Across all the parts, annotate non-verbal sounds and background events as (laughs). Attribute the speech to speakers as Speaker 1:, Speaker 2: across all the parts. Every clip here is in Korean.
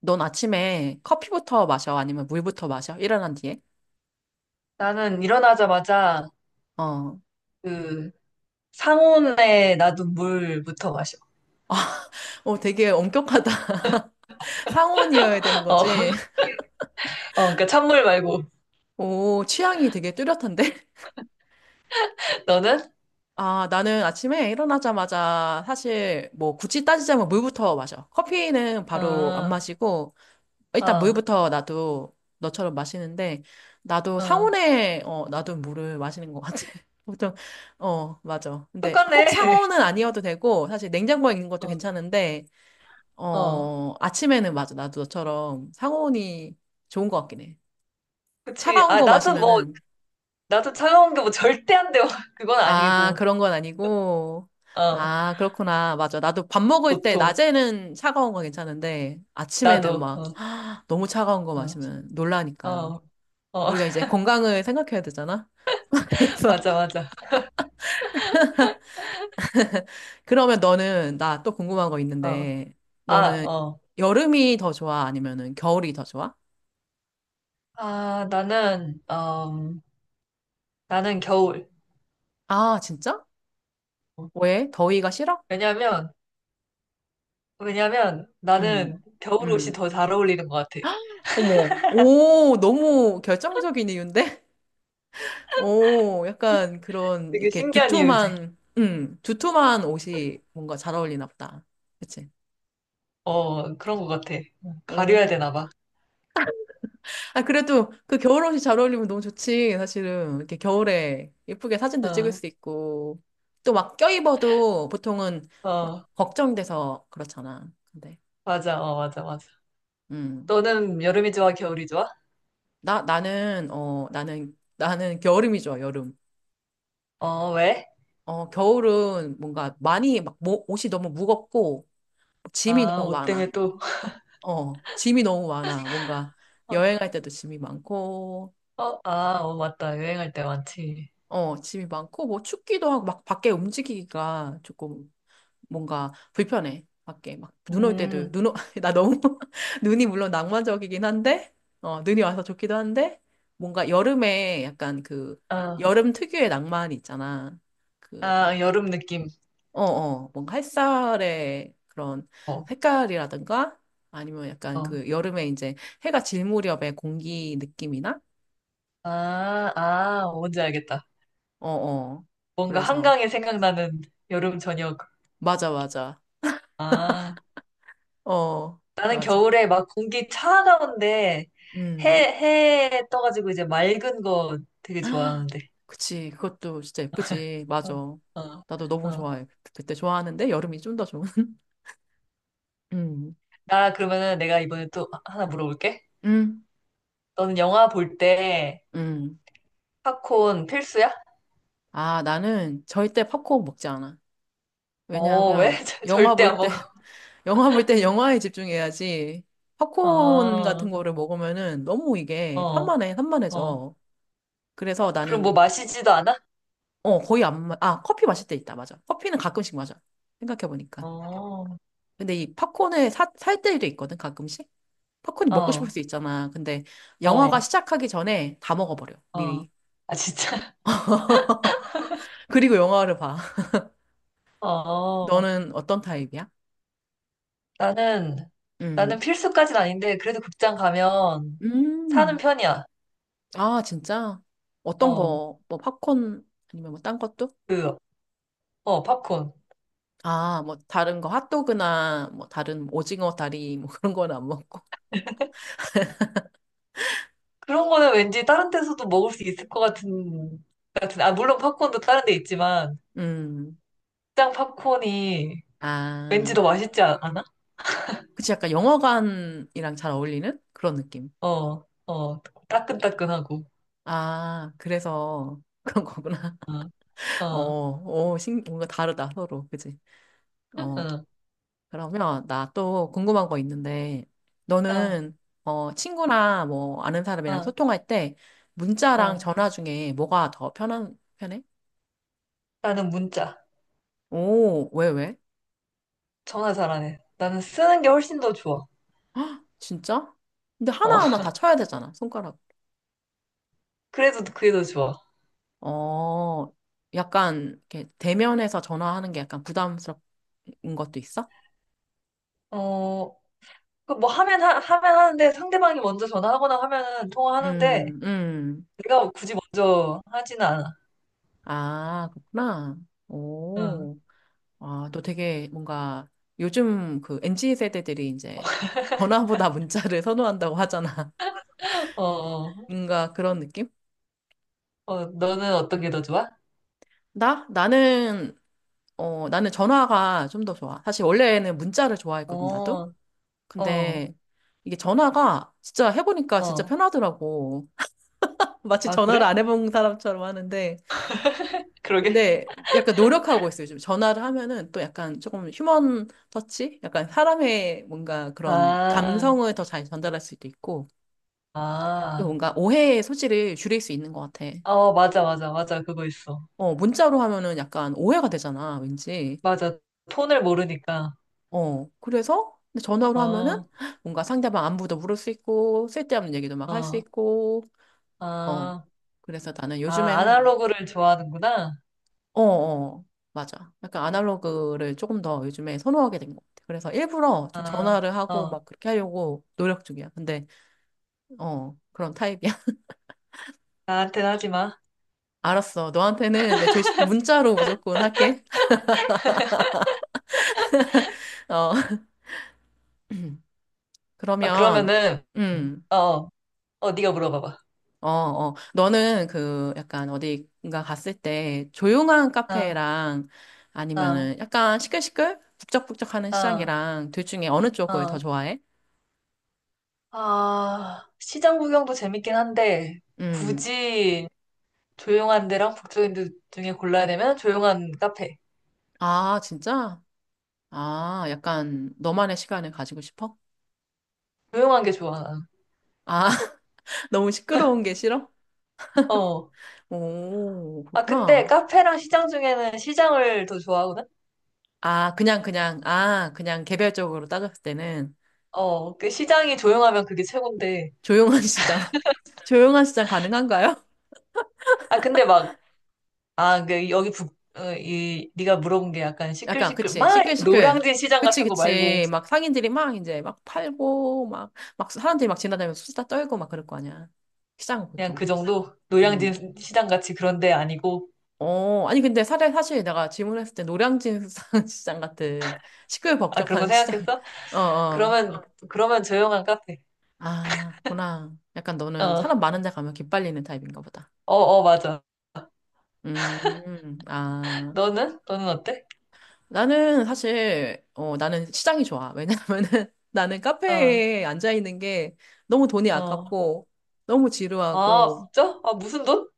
Speaker 1: 넌 아침에 커피부터 마셔? 아니면 물부터 마셔? 일어난 뒤에?
Speaker 2: 나는 일어나자마자
Speaker 1: 어.
Speaker 2: 그 상온에 놔둔 물부터 마셔.
Speaker 1: 아, (laughs) 어, 되게 엄격하다. (laughs) 상온이어야 되는
Speaker 2: (laughs) 어, 어,
Speaker 1: 거지. (laughs)
Speaker 2: 그러니까 찬물 말고.
Speaker 1: 오, 취향이 되게 뚜렷한데? (laughs)
Speaker 2: 너는?
Speaker 1: 아, 나는 아침에 일어나자마자 사실 뭐 굳이 따지자면 물부터 마셔. 커피는 바로 안
Speaker 2: 어,
Speaker 1: 마시고, 일단
Speaker 2: 어,
Speaker 1: 물부터 나도 너처럼 마시는데, 나도
Speaker 2: 어.
Speaker 1: 상온에, 나도 물을 마시는 것 같아. (laughs) 보통, 어, 맞아. 근데
Speaker 2: 똑같네.
Speaker 1: 꼭
Speaker 2: (laughs)
Speaker 1: 상온은 아니어도 되고, 사실 냉장고에 있는 것도 괜찮은데,
Speaker 2: 어, 어.
Speaker 1: 어, 아침에는 맞아. 나도 너처럼 상온이 좋은 것 같긴 해.
Speaker 2: 그치.
Speaker 1: 차가운
Speaker 2: 아,
Speaker 1: 거
Speaker 2: 나도 뭐,
Speaker 1: 마시면은,
Speaker 2: 나도 차가운 게 뭐 절대 안 돼. (laughs) 그건
Speaker 1: 아,
Speaker 2: 아니고.
Speaker 1: 그런 건 아니고,
Speaker 2: 어,
Speaker 1: 아, 그렇구나. 맞아. 나도 밥 먹을 때,
Speaker 2: 보통.
Speaker 1: 낮에는 차가운 거 괜찮은데, 아침에는
Speaker 2: 나도.
Speaker 1: 막,
Speaker 2: 어,
Speaker 1: (gasps) 너무 차가운 거
Speaker 2: 어,
Speaker 1: 마시면 놀라니까.
Speaker 2: 어, 어.
Speaker 1: 우리가 이제 건강을 생각해야 되잖아? (laughs)
Speaker 2: (laughs)
Speaker 1: 그래서,
Speaker 2: 맞아, 맞아.
Speaker 1: 그러면 너는, 나 또 궁금한 거
Speaker 2: 어.
Speaker 1: 있는데,
Speaker 2: 아,
Speaker 1: 너는
Speaker 2: 어.
Speaker 1: 여름이 더 좋아? 아니면은 겨울이 더 좋아?
Speaker 2: 아, 나는 겨울.
Speaker 1: 아, 진짜? 왜? 더위가 싫어?
Speaker 2: 왜냐면, 왜냐면 나는
Speaker 1: 음.
Speaker 2: 겨울 옷이
Speaker 1: 음.
Speaker 2: 더 잘 어울리는 것 같아.
Speaker 1: 어머, 오, 너무 결정적인 이유인데? (laughs) 오, 약간 그런,
Speaker 2: 되게
Speaker 1: 이렇게
Speaker 2: 신기한 이유지.
Speaker 1: 두툼한, 두툼한 옷이 뭔가 잘 어울리나 보다. 그치?
Speaker 2: 어, 그런 것 같아. 응, 가려야
Speaker 1: 오.
Speaker 2: 되나 봐.
Speaker 1: 아, 그래도 그 겨울 옷이 잘 어울리면 너무 좋지, 사실은. 이렇게 겨울에 예쁘게 사진도 찍을
Speaker 2: 어,
Speaker 1: 수 있고. 또 막 껴입어도 보통은 막
Speaker 2: 어,
Speaker 1: 걱정돼서 그렇잖아. 근데,
Speaker 2: 맞아, 맞아, 맞아.
Speaker 1: 음.
Speaker 2: 너는 여름이 좋아, 겨울이 좋아?
Speaker 1: 나, 나는, 나는, 나는 겨울임이 좋아, 여름.
Speaker 2: 어, 왜?
Speaker 1: 어, 겨울은 뭔가 많이 막 옷이 너무 무겁고, 짐이
Speaker 2: 아,
Speaker 1: 너무
Speaker 2: 옷
Speaker 1: 많아.
Speaker 2: 때문에 또,
Speaker 1: 어, 짐이 너무 많아. 뭔가
Speaker 2: (laughs)
Speaker 1: 여행할 때도 짐이 많고,
Speaker 2: 어, 아, 어, 맞다. 여행할 때 많지.
Speaker 1: 어, 짐이 많고, 뭐 춥기도 하고, 막 밖에 움직이기가 조금 뭔가 불편해. 밖에 막 눈올 때도,
Speaker 2: 음,
Speaker 1: 눈, 오, (laughs) 나 너무, (laughs) 눈이 물론 낭만적이긴 한데, 어, 눈이 와서 좋기도 한데, 뭔가 여름에 약간 그,
Speaker 2: 아,
Speaker 1: 여름 특유의 낭만이 있잖아. 그막
Speaker 2: 아, 여름 느낌.
Speaker 1: 어, 어, 뭔가 햇살의 그런
Speaker 2: 어,
Speaker 1: 색깔이라든가 아니면 약간
Speaker 2: 어.
Speaker 1: 그 여름에 이제 해가 질 무렵의 공기 느낌이나?
Speaker 2: 아, 아, 뭔지 알겠다.
Speaker 1: 어, 어.
Speaker 2: 뭔가
Speaker 1: 그래서,
Speaker 2: 한강에 생각나는 여름 저녁.
Speaker 1: 맞아, 맞아.
Speaker 2: 아.
Speaker 1: 어,
Speaker 2: 나는
Speaker 1: 맞아.
Speaker 2: 겨울에 막 공기 차가운데 해,
Speaker 1: 음.
Speaker 2: 해 떠가지고 이제 맑은 거 되게 좋아하는데.
Speaker 1: (gasps) 그치. 그것도 진짜 예쁘지.
Speaker 2: 어,
Speaker 1: 맞아.
Speaker 2: 어,
Speaker 1: 나도 너무
Speaker 2: 어.
Speaker 1: 좋아해. 그때 좋아하는데 여름이 좀 더 좋은. (laughs) 음.
Speaker 2: 나 그러면은 내가 이번에 또 하나 물어볼게.
Speaker 1: 음.
Speaker 2: 너는 영화 볼 때
Speaker 1: 음.
Speaker 2: 팝콘 필수야?
Speaker 1: 아, 나는 절대 팝콘 먹지 않아.
Speaker 2: 어,
Speaker 1: 왜냐하면
Speaker 2: 왜? (laughs) 절-
Speaker 1: 영화
Speaker 2: 절대 안
Speaker 1: 볼때
Speaker 2: 먹어.
Speaker 1: 영화 볼 때 영화에 집중해야지. 팝콘
Speaker 2: 어,
Speaker 1: 같은 거를 먹으면은 너무 이게
Speaker 2: 어,
Speaker 1: 산만해,
Speaker 2: 어.
Speaker 1: 산만해져. 그래서
Speaker 2: 그럼 뭐
Speaker 1: 나는,
Speaker 2: 마시지도 않아?
Speaker 1: 어, 거의 안, 아, 커피 마실 때 있다. 맞아. 커피는 가끔씩 마셔. 생각해보니까.
Speaker 2: 어,
Speaker 1: 근데 이 팝콘을 사, 살 때도 있거든, 가끔씩. 팝콘이 먹고 싶을
Speaker 2: 어,
Speaker 1: 수 있잖아. 근데 영화가
Speaker 2: 어,
Speaker 1: 시작하기 전에 다 먹어버려,
Speaker 2: 어.
Speaker 1: 미리.
Speaker 2: 아, 진짜? (laughs)
Speaker 1: 그리고 영화를 봐. (laughs)
Speaker 2: 어.
Speaker 1: 너는 어떤 타입이야?
Speaker 2: 나는, 나는
Speaker 1: 음.
Speaker 2: 필수까진 아닌데, 그래도 극장 가면 사는
Speaker 1: 음.
Speaker 2: 편이야.
Speaker 1: 아, 진짜? 어떤
Speaker 2: 어,
Speaker 1: 거, 뭐 팝콘 아니면 뭐 딴 것도?
Speaker 2: 그, 팝콘.
Speaker 1: 아, 뭐 다른 거 핫도그나 뭐 다른 오징어 다리 뭐 그런 건 안 먹고.
Speaker 2: 그런 거는 왠지 다른 데서도 먹을 수 있을 것 같은, 아, 물론 팝콘도 다른 데 있지만,
Speaker 1: 음.
Speaker 2: 극장 팝콘이 왠지
Speaker 1: 아.
Speaker 2: 더 맛있지 않아?
Speaker 1: 그치 약간 영화관이랑 잘 어울리는 그런 느낌.
Speaker 2: 어, 어, 따끈따끈하고.
Speaker 1: 아, 그래서 그런 거구나.
Speaker 2: 어, 어,
Speaker 1: (laughs) 어,
Speaker 2: 어,
Speaker 1: 어, 신, 뭔가 다르다 서로. 그치? 어. 그러면 나 또 궁금한 거 있는데
Speaker 2: 어,
Speaker 1: 너는 어, 친구나 뭐 아는 사람이랑
Speaker 2: 어,
Speaker 1: 소통할 때 문자랑
Speaker 2: 어.
Speaker 1: 전화 중에 뭐가 더 편한 편해?
Speaker 2: 나는 문자.
Speaker 1: 오, 왜 왜?
Speaker 2: 전화 잘안 해. 나는 쓰는 게 훨씬 더 좋아.
Speaker 1: 헉, 진짜? 근데
Speaker 2: 어,
Speaker 1: 하나하나
Speaker 2: (laughs)
Speaker 1: 다 쳐야 되잖아, 손가락.
Speaker 2: 그래도 그게 더 좋아.
Speaker 1: 어, 약간, 이렇게 대면에서 전화하는 게 약간 부담스러운 것도 있어?
Speaker 2: 어, 그뭐 하면 하는데 상대방이 먼저 전화하거나 하면은 통화하는데
Speaker 1: 음, 음.
Speaker 2: 내가 굳이 먼저 하지는 않아.
Speaker 1: 아, 그렇구나.
Speaker 2: 응.
Speaker 1: 오. 아, 너 되게 뭔가 요즘 그 NG 세대들이 이제 전화보다 문자를 (laughs) 선호한다고 하잖아.
Speaker 2: 어, 어,
Speaker 1: 뭔가 그런 느낌?
Speaker 2: 어, 너는 어떤 게 더 좋아?
Speaker 1: 나? 나는, 어, 나는 전화가 좀 더 좋아. 사실 원래는 문자를 좋아했거든, 나도.
Speaker 2: 어, 어,
Speaker 1: 근데 이게 전화가 진짜 해보니까 진짜
Speaker 2: 어.
Speaker 1: 편하더라고. (laughs) 마치
Speaker 2: 아,
Speaker 1: 전화를 안
Speaker 2: 그래?
Speaker 1: 해본 사람처럼 하는데.
Speaker 2: 그러게.
Speaker 1: 근데 약간 노력하고 있어요. 요즘 전화를 하면은 또 약간 조금 휴먼 터치? 약간 사람의 뭔가 그런
Speaker 2: 아,
Speaker 1: 감성을 더 잘 전달할 수도 있고, 또
Speaker 2: 아.
Speaker 1: 뭔가 오해의 소지를 줄일 수 있는 것 같아.
Speaker 2: 어, 맞아, 맞아, 맞아. 그거 있어.
Speaker 1: 어, 문자로 하면은 약간 오해가 되잖아, 왠지.
Speaker 2: 맞아. 톤을 모르니까.
Speaker 1: 어, 그래서 근데 전화로
Speaker 2: 어,
Speaker 1: 하면은
Speaker 2: 어,
Speaker 1: 뭔가 상대방 안부도 물을 수 있고, 쓸데없는 얘기도 막 할 수 있고, 어.
Speaker 2: 아,
Speaker 1: 그래서 나는
Speaker 2: 아,
Speaker 1: 요즘에는,
Speaker 2: 아날로그를 좋아하는구나.
Speaker 1: 어, 어, 맞아. 약간 아날로그를 조금 더 요즘에 선호하게 된 것 같아. 그래서 일부러 좀
Speaker 2: 아,
Speaker 1: 전화를 하고
Speaker 2: 어.
Speaker 1: 막 그렇게 하려고 노력 중이야. 근데, 어, 그런 타입이야. (laughs)
Speaker 2: 나한테는 하지 마.
Speaker 1: 알았어. 너한테는 내 조, 문자로 무조건 할게. (laughs) 어. (clears throat)
Speaker 2: 아,
Speaker 1: 그러면,
Speaker 2: 그러면은,
Speaker 1: 음,
Speaker 2: 어, 어, 어, 네가 물어봐봐.
Speaker 1: 어, 어. 너는 그 약간 어디가 갔을 때 조용한
Speaker 2: 아,
Speaker 1: 카페랑
Speaker 2: 아.
Speaker 1: 아니면은 약간 시끌시끌? 북적북적하는
Speaker 2: 아,
Speaker 1: 시장이랑 둘 중에 어느 쪽을 더
Speaker 2: 아,
Speaker 1: 좋아해?
Speaker 2: 아, 시장 구경도 재밌긴 한데,
Speaker 1: 음.
Speaker 2: 굳이 조용한 데랑 북적인 데 중에 골라야 되면 조용한 카페.
Speaker 1: 아, 진짜? 아, 약간 너만의 시간을 가지고 싶어?
Speaker 2: 조용한 게 좋아, 나는.
Speaker 1: 아, (laughs) 너무 시끄러운 게 싫어?
Speaker 2: 어.
Speaker 1: 오,
Speaker 2: 아, 근데
Speaker 1: 그렇구나.
Speaker 2: 카페랑 시장 중에는 시장을 더 좋아하거든?
Speaker 1: 아, 그냥, 그냥, 아, 그냥 개별적으로 따졌을 때는
Speaker 2: 어, 그 시장이 조용하면 그게 최고인데.
Speaker 1: 조용한 (laughs) 시장, 조용한 시장 가능한가요?
Speaker 2: 아, 근데 막, 아, 그 여기 북, 어, 이, 네가 물어본 게 약간
Speaker 1: 약간,
Speaker 2: 시끌시끌,
Speaker 1: 그치,
Speaker 2: 막 이렇게
Speaker 1: 시끌시끌.
Speaker 2: 노량진 시장
Speaker 1: 그치,
Speaker 2: 같은 거 말고,
Speaker 1: 그치. 막 상인들이 막 이제 막 팔고, 막, 막 사람들이 막 지나다니면서 수다 떨고 막 그럴 거 아니야. 시장은
Speaker 2: 그냥
Speaker 1: 보통.
Speaker 2: 그 정도?
Speaker 1: 음.
Speaker 2: 노량진 시장 같이 그런 데 아니고,
Speaker 1: 어, 아니, 근데 사실, 사실 내가 질문했을 때 노량진 수산 (laughs) 시장 같은
Speaker 2: 아, 그런 거
Speaker 1: 시끌벅적한 시장,
Speaker 2: 생각했어?
Speaker 1: (laughs) 어, 어.
Speaker 2: 그러면, 그러면, 조용한 카페.
Speaker 1: 아, 구나. 약간 너는
Speaker 2: 어,
Speaker 1: 사람 많은 데 가면 기빨리는 타입인가 보다.
Speaker 2: 어, 어, 맞아.
Speaker 1: 아.
Speaker 2: 너는? 너는 어때?
Speaker 1: 나는 사실, 어, 나는 시장이 좋아. 왜냐면은 (laughs) 나는
Speaker 2: 어,
Speaker 1: 카페에 앉아있는 게 너무 돈이
Speaker 2: 어.
Speaker 1: 아깝고, 너무
Speaker 2: 아,
Speaker 1: 지루하고,
Speaker 2: 진짜? 아, 무슨 돈?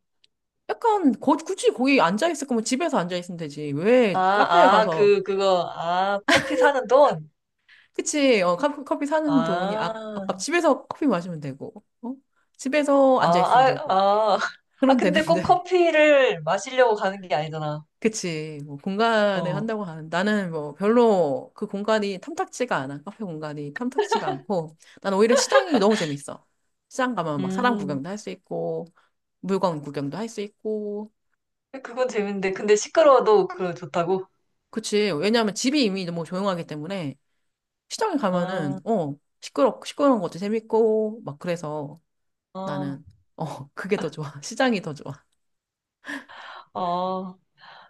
Speaker 1: 약간, 굳이 거기 앉아있을 거면 집에서 앉아있으면 되지.
Speaker 2: 아,
Speaker 1: 왜 카페에
Speaker 2: 아,
Speaker 1: 가서
Speaker 2: 그거, 아, 커피 사는 돈?
Speaker 1: 그치, 어, 커피 사는 돈이
Speaker 2: 아,
Speaker 1: 아, 아깝, 집에서 커피 마시면 되고, 어? 집에서
Speaker 2: 아, 아,
Speaker 1: 앉아있으면 되고,
Speaker 2: 아. 아,
Speaker 1: 그런
Speaker 2: 근데
Speaker 1: 되는데.
Speaker 2: 꼭
Speaker 1: (laughs)
Speaker 2: 커피를 마시려고 가는 게 아니잖아.
Speaker 1: 그치, 뭐, 공간을
Speaker 2: 어,
Speaker 1: 한다고 하는, 나는 뭐, 별로 그 공간이 탐탁지가 않아. 카페 공간이 탐탁지가 않고, 난 오히려 시장이 너무 재밌어. 시장 가면 막 사람
Speaker 2: 음,
Speaker 1: 구경도 할 수 있고, 물건 구경도 할 수 있고,
Speaker 2: 그건 재밌는데. 근데 시끄러워도 그거 좋다고?
Speaker 1: 그치. 왜냐하면 집이 이미 너무 조용하기 때문에, 시장에 가면은,
Speaker 2: 아,
Speaker 1: 어, 시끄러운 것도 재밌고, 막 그래서,
Speaker 2: 어,
Speaker 1: 나는 어 (laughs) 그게 더 좋아. 시장이 더 좋아.
Speaker 2: 어,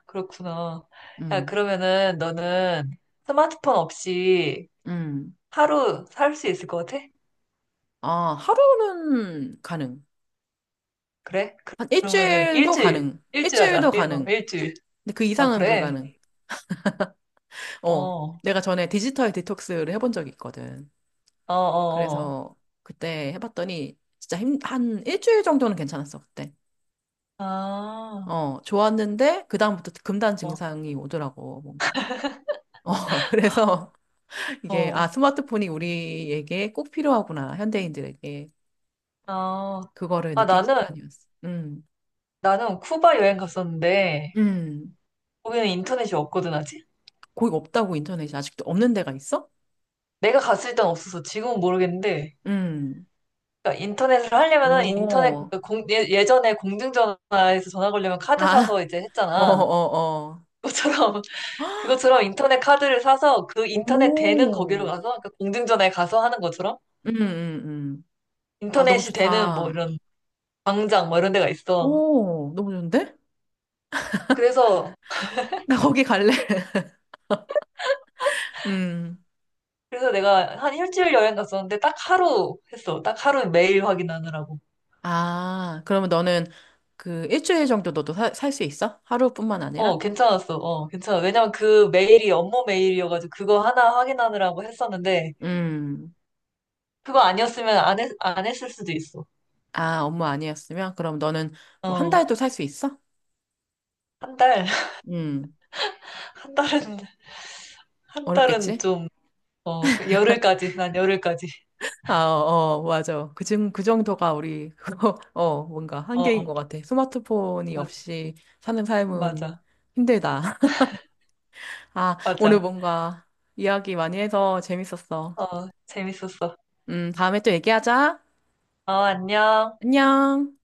Speaker 2: 그렇구나. 야,
Speaker 1: 음,
Speaker 2: 그러면은 너는 스마트폰 없이
Speaker 1: 음.
Speaker 2: 하루 살 수 있을 것 같아?
Speaker 1: 아 하루는 가능.
Speaker 2: 그래?
Speaker 1: 한
Speaker 2: 그러면은
Speaker 1: 일주일도
Speaker 2: 일주일,
Speaker 1: 가능.
Speaker 2: 일주일
Speaker 1: 일주일도
Speaker 2: 하자.
Speaker 1: 가능.
Speaker 2: 일주일.
Speaker 1: 근데 그
Speaker 2: 아,
Speaker 1: 이상은
Speaker 2: 그래?
Speaker 1: 불가능. 어
Speaker 2: 어,
Speaker 1: 내가 전에 디지털 디톡스를 해본 적이 있거든.
Speaker 2: 어, 어, 어.
Speaker 1: 그래서 그때 해봤더니 진짜 힘, 한 일주일 정도는 괜찮았어 그때.
Speaker 2: 아,
Speaker 1: 어 좋았는데 그 다음부터 금단
Speaker 2: 어,
Speaker 1: 증상이 오더라고 뭔가. 어 (laughs) 그래서 이게 아
Speaker 2: 어,
Speaker 1: 스마트폰이 우리에게 꼭 필요하구나 현대인들에게.
Speaker 2: 아.
Speaker 1: 그거를
Speaker 2: 아,
Speaker 1: 느낀
Speaker 2: 나는,
Speaker 1: 시간이었어.
Speaker 2: 나는 쿠바 여행 갔었는데,
Speaker 1: 음.
Speaker 2: 거기는 인터넷이 없거든, 아직?
Speaker 1: 거기 없다고 인터넷이 아직도 없는 데가 있어?
Speaker 2: 내가 갔을 땐 없어서 지금은 모르겠는데,
Speaker 1: 음,
Speaker 2: 그러니까 인터넷을 하려면은 인터넷,
Speaker 1: 오,
Speaker 2: 그 공, 예, 예전에 공중전화에서 전화 걸려면 카드 사서
Speaker 1: 아,
Speaker 2: 이제
Speaker 1: (laughs) 어,
Speaker 2: 했잖아.
Speaker 1: 어,
Speaker 2: 그것처럼
Speaker 1: 어.
Speaker 2: 인터넷 카드를 사서 그 인터넷 되는 거기로
Speaker 1: 오,
Speaker 2: 가서 그러니까 공중전화에 가서 하는 것처럼
Speaker 1: 음, 음. 아, 너무
Speaker 2: 인터넷이 되는 뭐
Speaker 1: 좋다.
Speaker 2: 이런 광장 뭐 이런 데가 있어.
Speaker 1: 오, 너무 좋은데?
Speaker 2: 그래서
Speaker 1: (laughs) 나 거기 갈래? (laughs) 음.
Speaker 2: 그래서 내가 한 일주일 여행 갔었는데 딱 하루 했어. 딱 하루 메일 확인하느라고.
Speaker 1: 아, 그러면 너는 그 일주일 정도 너도 살 수 있어? 하루뿐만
Speaker 2: 어,
Speaker 1: 아니라?
Speaker 2: 괜찮았어. 어, 괜찮아. 왜냐면 그 메일이 업무 메일이어가지고 그거 하나 확인하느라고 했었는데
Speaker 1: 음.
Speaker 2: 그거 아니었으면 안 했을 수도 있어.
Speaker 1: 아, 업무 아니었으면? 그럼 너는 뭐 한
Speaker 2: 어,
Speaker 1: 달도 살 수 있어?
Speaker 2: 한 달, (laughs)
Speaker 1: 음.
Speaker 2: 한 달은, 한 달은
Speaker 1: 어렵겠지?
Speaker 2: 좀, 어, 열흘까지, 난 열흘까지.
Speaker 1: 아, 어, 맞아. 그, 정, 그 정도가 우리, (laughs) 어, 뭔가
Speaker 2: 어,
Speaker 1: 한계인 것 같아. 스마트폰이
Speaker 2: 맞아.
Speaker 1: 없이 사는 삶은
Speaker 2: 맞아.
Speaker 1: 힘들다. (laughs) 아, 오늘
Speaker 2: 맞아.
Speaker 1: 뭔가 이야기 많이 해서 재밌었어.
Speaker 2: 어, 재밌었어.
Speaker 1: 다음에 또 얘기하자.
Speaker 2: 어, 안녕.
Speaker 1: 안녕.